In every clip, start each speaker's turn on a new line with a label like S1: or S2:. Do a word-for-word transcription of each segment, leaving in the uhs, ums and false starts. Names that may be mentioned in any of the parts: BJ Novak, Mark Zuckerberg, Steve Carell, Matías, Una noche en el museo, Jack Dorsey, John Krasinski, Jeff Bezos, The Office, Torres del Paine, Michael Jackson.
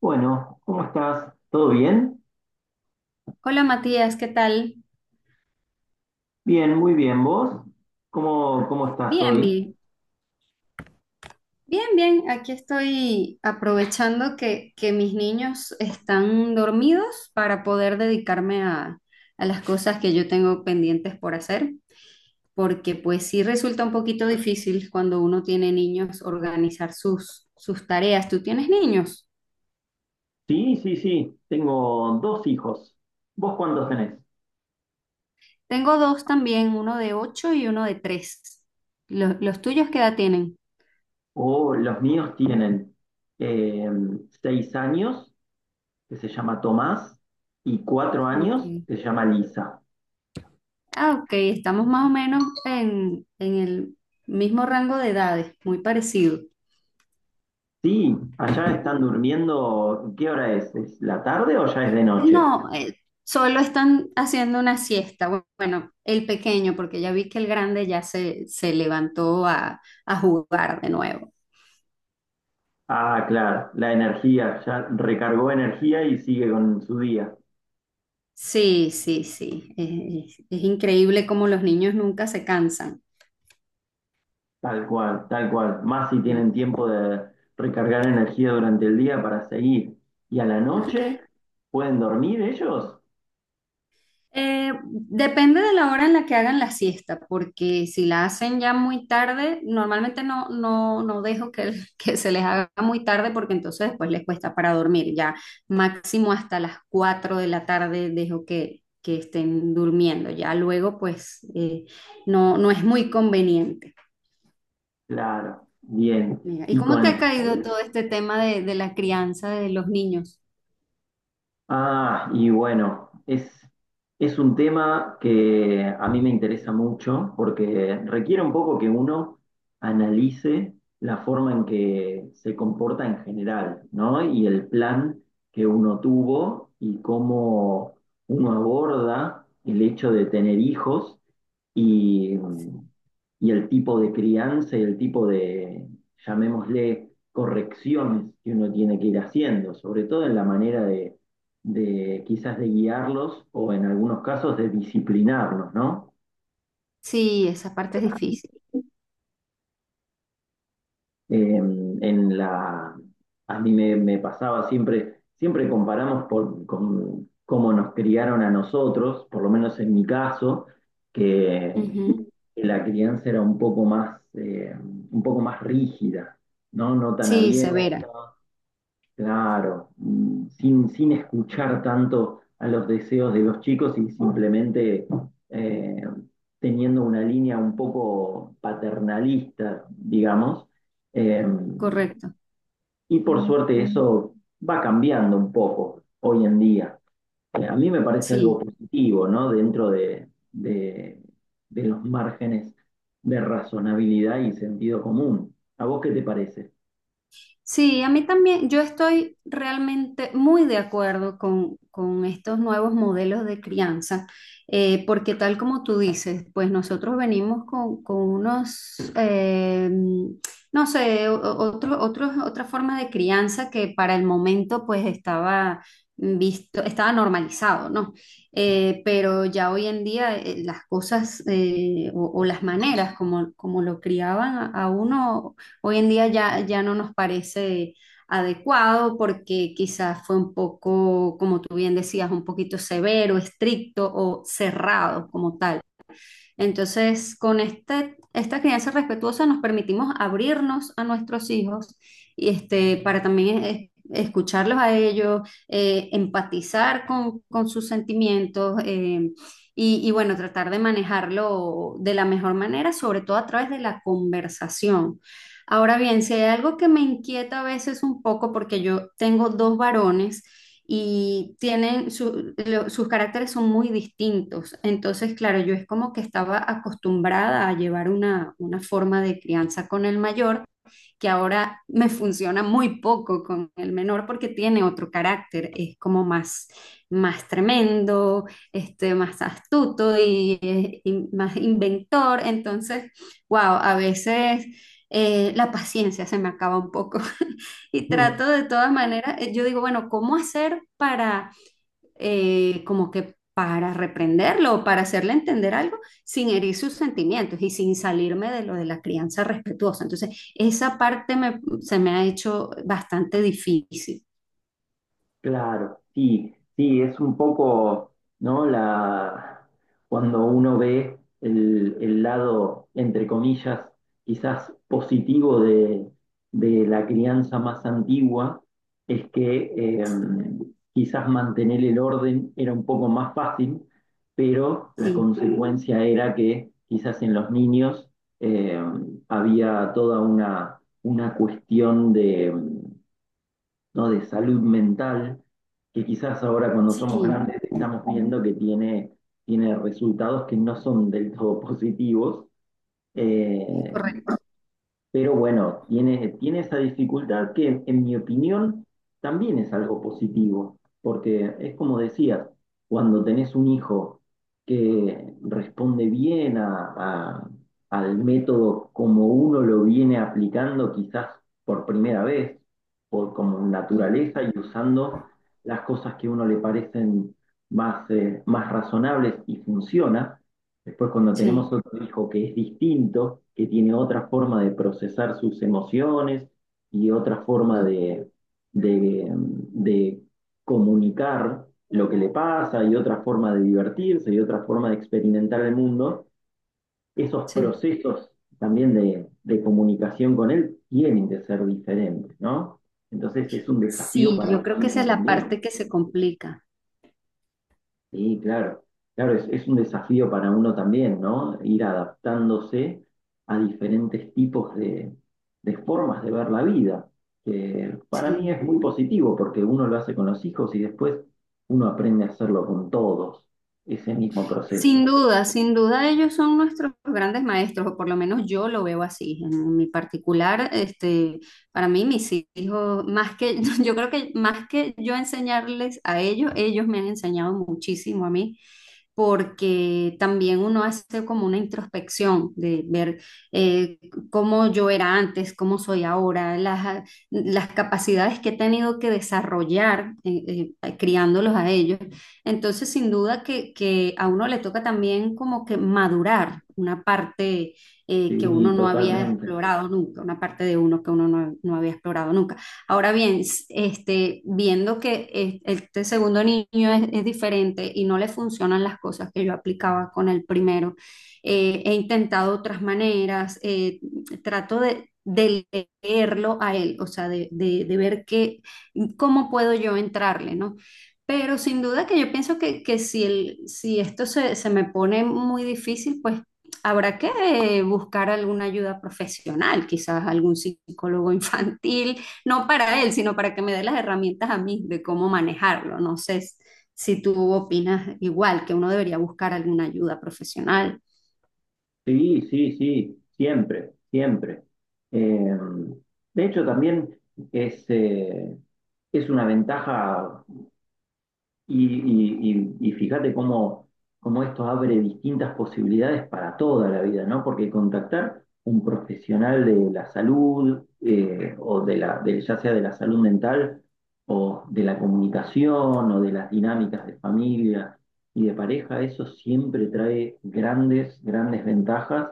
S1: Bueno, ¿cómo estás? ¿Todo bien?
S2: Hola Matías, ¿qué tal?
S1: Bien, muy bien. ¿Vos? ¿Cómo, cómo estás
S2: Bien,
S1: hoy?
S2: bien, bien, bien. Aquí estoy aprovechando que, que mis niños están dormidos para poder dedicarme a, a las cosas que yo tengo pendientes por hacer, porque pues sí resulta un poquito difícil cuando uno tiene niños organizar sus, sus tareas. ¿Tú tienes niños?
S1: Sí, sí, sí, tengo dos hijos. ¿Vos cuántos tenés?
S2: Tengo dos también, uno de ocho y uno de tres. ¿Los, los tuyos, ¿qué edad tienen?
S1: Oh, los míos tienen eh, seis años, que se llama Tomás, y cuatro años,
S2: Ok.
S1: que se llama Lisa.
S2: Ah, ok, estamos más o menos en, en el mismo rango de edades, muy parecido.
S1: Sí, allá están durmiendo. ¿Qué hora es? ¿Es la tarde o ya es de noche?
S2: No, eh, solo están haciendo una siesta. Bu- Bueno, el pequeño, porque ya vi que el grande ya se, se levantó a, a jugar de nuevo.
S1: Ah, claro, la energía, ya recargó energía y sigue con su día.
S2: Sí, sí, sí. eh, Es, es increíble cómo los niños nunca se cansan.
S1: Tal cual, tal cual. Más si
S2: Sí.
S1: tienen tiempo de recargar energía durante el día para seguir. Y a la noche, ¿pueden dormir ellos?
S2: Eh, depende de la hora en la que hagan la siesta, porque si la hacen ya muy tarde, normalmente no, no, no dejo que, que se les haga muy tarde porque entonces después les cuesta para dormir. Ya máximo hasta las cuatro de la tarde dejo que, que estén durmiendo. Ya luego pues eh, no, no es muy conveniente.
S1: Claro, bien.
S2: Mira, ¿y
S1: ¿Y
S2: cómo te
S1: con
S2: ha
S1: la
S2: caído
S1: escuela?
S2: todo este tema de, de la crianza de los niños?
S1: Ah, y bueno, es, es un tema que a mí me interesa mucho porque requiere un poco que uno analice la forma en que se comporta en general, ¿no? Y el plan que uno tuvo y cómo uno aborda el hecho de tener hijos y, y el tipo de crianza y el tipo de, llamémosle, correcciones que uno tiene que ir haciendo, sobre todo en la manera de, de quizás de guiarlos o en algunos casos de disciplinarlos, ¿no?
S2: Sí, esa parte es difícil.
S1: Eh, en la, a mí me, me pasaba siempre, siempre comparamos por, con cómo nos criaron a nosotros, por lo menos en mi caso, que
S2: Ujú.
S1: la crianza era un poco más, eh, un poco más rígida, ¿no? No tan
S2: Sí,
S1: abierta,
S2: severa,
S1: claro, mm, sin, sin escuchar tanto a los deseos de los chicos y simplemente eh, teniendo una línea un poco paternalista, digamos. Eh,
S2: correcto.
S1: y por suerte eso va cambiando un poco hoy en día. Eh, A mí me parece algo
S2: Sí.
S1: positivo, ¿no? Dentro de, de- de los márgenes de razonabilidad y sentido común. ¿A vos qué te parece?
S2: Sí, a mí también, yo estoy realmente muy de acuerdo con, con estos nuevos modelos de crianza, eh, porque tal como tú dices, pues nosotros venimos con, con unos, eh, no sé, o- o- otro- otros- otra forma de crianza que para el momento pues estaba visto, estaba normalizado, ¿no? Eh, pero ya hoy en día eh, las cosas, eh, o, o las maneras como, como lo criaban a, a uno. Hoy en día ya, ya no nos parece adecuado porque quizás fue un poco, como tú bien decías, un poquito severo, estricto o cerrado como tal. Entonces, con este, esta crianza respetuosa nos permitimos abrirnos a nuestros hijos y este, para también eh, escucharlos a ellos, eh, empatizar con, con sus sentimientos, eh, y, y bueno, tratar de manejarlo de la mejor manera, sobre todo a través de la conversación. Ahora bien, si hay algo que me inquieta a veces un poco, porque yo tengo dos varones, y tienen su- lo- sus caracteres son muy distintos. Entonces, claro, yo es como que estaba acostumbrada a llevar una, una forma de crianza con el mayor, que ahora me funciona muy poco con el menor porque tiene otro carácter, es como más, más tremendo, este, más astuto y, eh, y más inventor. Entonces, wow, a veces eh, la paciencia se me acaba un poco, y trato de todas maneras, eh, yo digo, bueno, ¿cómo hacer para eh, como que para reprenderlo o para hacerle entender algo sin herir sus sentimientos y sin salirme de lo de la crianza respetuosa? Entonces, esa parte me- se me ha hecho bastante difícil.
S1: Claro, sí, sí, es un poco, ¿no? La, cuando uno ve el, el lado, entre comillas, quizás positivo de, de la crianza más antigua, es que eh,
S2: Sí,
S1: quizás mantener el orden era un poco más fácil, pero la
S2: sí,
S1: consecuencia era que quizás en los niños eh, había toda una, una cuestión de em, ¿no? de salud mental, que quizás ahora cuando somos
S2: sí,
S1: grandes estamos viendo que tiene, tiene resultados que no son del todo positivos.
S2: es
S1: Eh,
S2: correcto.
S1: pero bueno, tiene, tiene esa dificultad que, en mi opinión, también es algo positivo, porque es como decías, cuando tenés un hijo que responde bien a, a- al método como uno lo viene aplicando quizás por primera vez, por como
S2: Ujú.
S1: naturaleza y usando las cosas que a uno le parecen más, eh, más razonables y funciona. Después, cuando
S2: Sí,
S1: tenemos otro hijo que es distinto, que tiene otra forma de procesar sus emociones y otra forma
S2: ujú,
S1: de, de, de comunicar lo que le pasa y otra forma de divertirse y otra forma de experimentar el mundo, esos
S2: sí.
S1: procesos también de, de comunicación con él tienen que ser diferentes, ¿no? Entonces es un desafío
S2: Sí,
S1: para
S2: yo creo
S1: uno
S2: que esa
S1: mismo
S2: es la parte
S1: también.
S2: que se complica.
S1: Sí, claro, claro, es, es un desafío para uno también, ¿no? Ir adaptándose a diferentes tipos de, de formas de ver la vida, que para mí
S2: Sí.
S1: es muy positivo porque uno lo hace con los hijos y después uno aprende a hacerlo con todos, ese mismo
S2: Sin
S1: proceso.
S2: duda, sin duda ellos son nuestros grandes maestros, o por lo menos yo lo veo así. En mi particular, este, para mí mis hijos, más que, yo creo que más que yo enseñarles a ellos, ellos me han enseñado muchísimo a mí, porque también uno hace como una introspección de ver, eh, cómo yo era antes, cómo soy ahora, las, a- las capacidades que he tenido que desarrollar eh, eh, criándolos a ellos. Entonces, sin duda que, que a uno le toca también como que madurar una parte, eh, que
S1: Sí,
S2: uno no había
S1: totalmente.
S2: explorado nunca, una parte de uno que uno no no había explorado nunca. Ahora bien, este, viendo que eh, este segundo niño es, es diferente y no le funcionan las cosas que yo aplicaba con el primero, eh, he intentado otras maneras, eh, trato de, de leerlo a él, o sea, de, de- de ver qué, cómo puedo yo entrarle, ¿no? Pero sin duda que yo pienso que, que si, el, si esto se, se me pone muy difícil, pues habrá que eh, buscar alguna ayuda profesional, quizás algún psicólogo infantil, no para él, sino para que me dé las herramientas a mí de cómo manejarlo. No sé s- si tú opinas igual, que uno debería buscar alguna ayuda profesional,
S1: Sí, sí, sí, siempre, siempre. Eh, de hecho, también es, eh, es una ventaja. Y, y- y- y fíjate cómo, cómo esto abre distintas posibilidades para toda la vida, ¿no? Porque contactar un profesional de la salud, eh, o de la, de- ya sea de la salud mental, o de la comunicación, o de las dinámicas de familia y de pareja, eso siempre trae grandes, grandes ventajas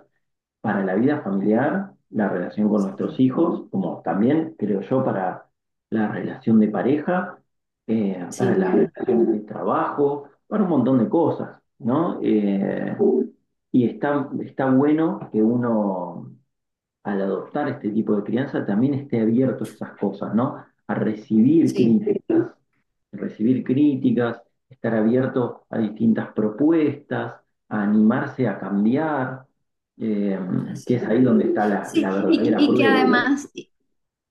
S1: para la vida familiar, la relación con nuestros hijos, como también creo yo para la relación de pareja, eh, para
S2: sin
S1: las
S2: duda.
S1: relaciones de trabajo, para un montón de cosas, ¿no? Eh, y está, está bueno que uno al adoptar este tipo de crianza también esté abierto a esas cosas, ¿no? A recibir
S2: Sí,
S1: críticas, recibir críticas, estar abierto a distintas propuestas, a animarse a cambiar, eh, que es
S2: así.
S1: ahí donde está
S2: es.
S1: la, la
S2: Sí, y,
S1: verdadera
S2: y que
S1: prueba, ¿no?
S2: además,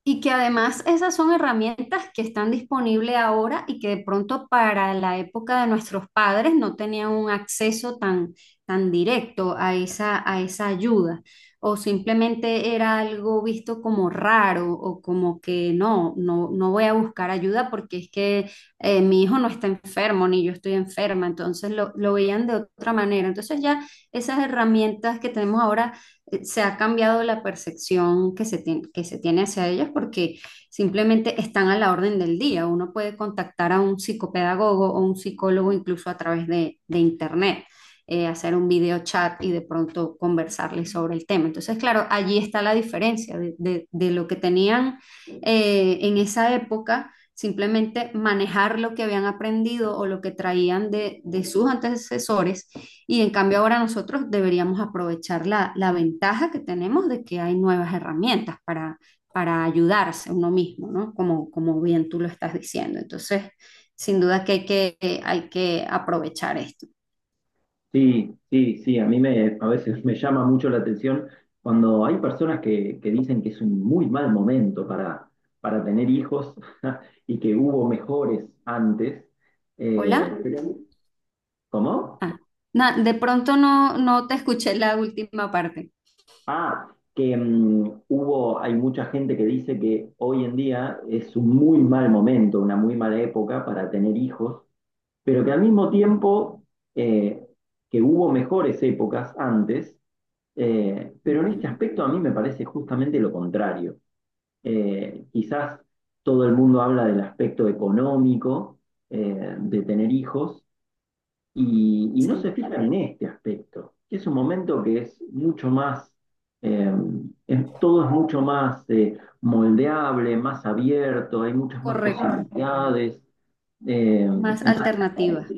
S2: y que además esas son herramientas que están disponibles ahora y que de pronto para la época de nuestros padres no tenían un acceso tan, tan directo a esa, a esa ayuda. O simplemente era algo visto como raro o como que no, no, no voy a buscar ayuda porque es que, eh, mi hijo no está enfermo ni yo estoy enferma. Entonces lo, lo veían de otra manera. Entonces ya esas herramientas que tenemos ahora, eh, se ha cambiado la percepción que se tiene, que se tiene hacia ellas, porque simplemente están a la orden del día. Uno puede contactar a un psicopedagogo o un psicólogo incluso a través de, de internet, eh, hacer un video chat y de pronto conversarles sobre el tema. Entonces, claro, allí está la diferencia de, de- de lo que tenían eh, en esa época. Simplemente manejar lo que habían aprendido o lo que traían de de sus antecesores, y en cambio ahora nosotros deberíamos aprovechar la, la ventaja que tenemos de que hay nuevas herramientas para, para, ayudarse uno mismo, ¿no? Como, como bien tú lo estás diciendo. Entonces, sin duda que hay que, eh, hay que aprovechar esto.
S1: Sí, sí, sí, a mí me, a veces me llama mucho la atención cuando hay personas que, que dicen que es un muy mal momento para, para tener hijos y que hubo mejores antes.
S2: ¿Hola?
S1: Eh, pero ¿cómo?
S2: Ah, na- de pronto no, no te escuché la última parte.
S1: Ah, que mm, hubo, hay mucha gente que dice que hoy en día es un muy mal momento, una muy mala época para tener hijos, pero que al mismo tiempo eh, que hubo mejores épocas antes, eh, pero en
S2: Ujú.
S1: este aspecto a mí me parece justamente lo contrario. Eh, quizás todo el mundo habla del aspecto económico eh, de tener hijos y, y no se
S2: Sí,
S1: fijan en este aspecto, que es un momento que es mucho más, eh, es- todo es mucho más eh, moldeable, más abierto, hay muchas más
S2: correcto.
S1: posibilidades, eh,
S2: Más
S1: entonces,
S2: alternativas.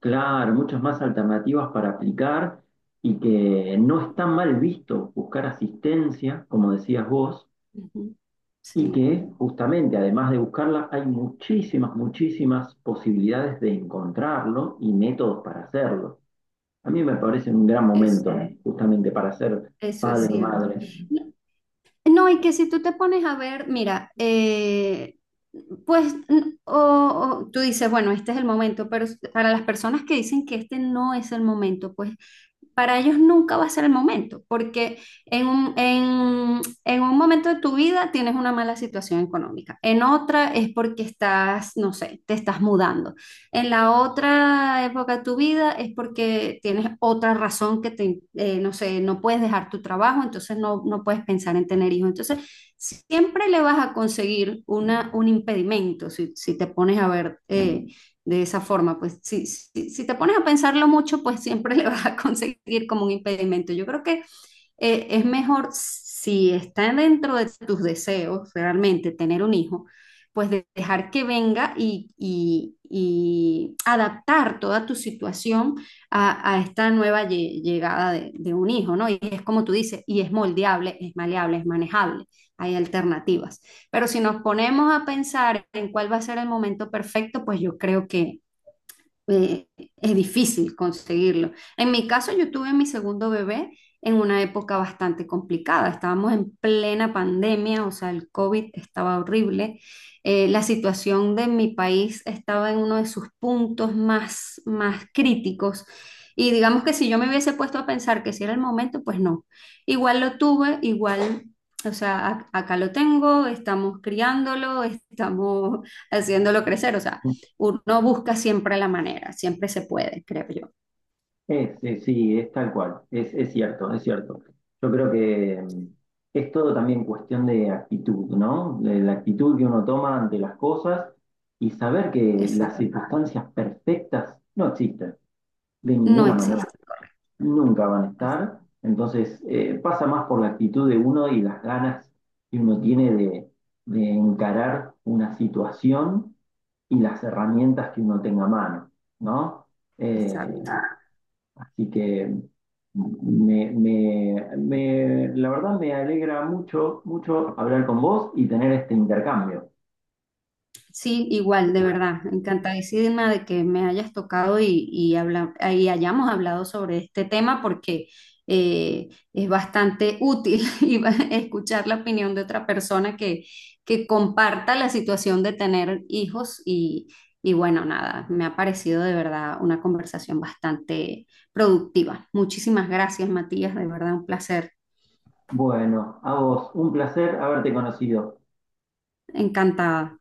S1: claro, muchas más alternativas para aplicar y que no está mal visto buscar asistencia, como decías vos,
S2: Ujú.
S1: y
S2: Sí,
S1: que justamente, además de buscarla, hay muchísimas, muchísimas posibilidades de encontrarlo y métodos para hacerlo. A mí me parece un gran
S2: es,
S1: momento justamente para ser
S2: eso es
S1: padre o
S2: cierto.
S1: madre.
S2: No, no, y que si tú te pones a ver, mira, eh, pues n- o, o tú dices, bueno, este es el momento, pero s- para las personas que dicen que este no es el momento, pues para ellos nunca va a ser el momento, porque en un, en, en un momento de tu vida tienes una mala situación económica, en otra es porque estás, no sé, te estás mudando, en la otra época de tu vida es porque tienes otra razón que te, eh, no sé, no, puedes dejar tu trabajo, entonces no, no puedes pensar en tener hijos. Entonces, siempre le vas a conseguir una, un impedimento si, si te pones a ver, eh, de esa forma. Pues si, si, si te pones a pensarlo mucho, pues siempre le vas a conseguir como un impedimento. Yo creo que, eh, es mejor, si está dentro de tus deseos realmente tener un hijo, pues de- dejar que venga y, y- y adaptar toda tu situación a, a esta nueva lle- llegada de, de un hijo, ¿no? Y es como tú dices, y es moldeable, es maleable, es manejable, hay alternativas. Pero si nos ponemos a pensar en cuál va a ser el momento perfecto, pues yo creo que, eh, es difícil conseguirlo. En mi caso, yo tuve mi segundo bebé en una época bastante complicada. Estábamos en plena pandemia, o sea, el COVID estaba horrible. Eh, la situación de mi país estaba en uno de sus puntos más, más críticos. Y digamos que si yo me hubiese puesto a pensar que si era el momento, pues no. Igual lo tuve, igual, o sea, ac- acá lo tengo, estamos criándolo, estamos haciéndolo crecer. O sea, uno busca siempre la manera, siempre se puede, creo yo.
S1: Es, es- sí, es tal cual, es, es cierto, es cierto. Yo creo que mm, es todo también cuestión de actitud, ¿no? De la actitud que uno toma ante las cosas y saber que las
S2: Exacto.
S1: circunstancias perfectas no existen de
S2: No
S1: ninguna manera.
S2: existe.
S1: Nunca van a estar. Entonces, eh, pasa más por la actitud de uno y las ganas que uno tiene de, de encarar una situación y las herramientas que uno tenga a mano, ¿no? Eh,
S2: Exacto.
S1: así que me, me- me- la verdad me alegra mucho, mucho hablar con vos y tener este intercambio.
S2: Sí, igual, de verdad, encantadísima de que me hayas tocado y, y, habla- y hayamos hablado sobre este tema, porque eh, es bastante útil, y va- escuchar la opinión de otra persona que, que comparta la situación de tener hijos y, y bueno, nada, me ha parecido de verdad una conversación bastante productiva. Muchísimas gracias, Matías, de verdad un placer,
S1: Bueno, a vos, un placer haberte conocido.
S2: encantada.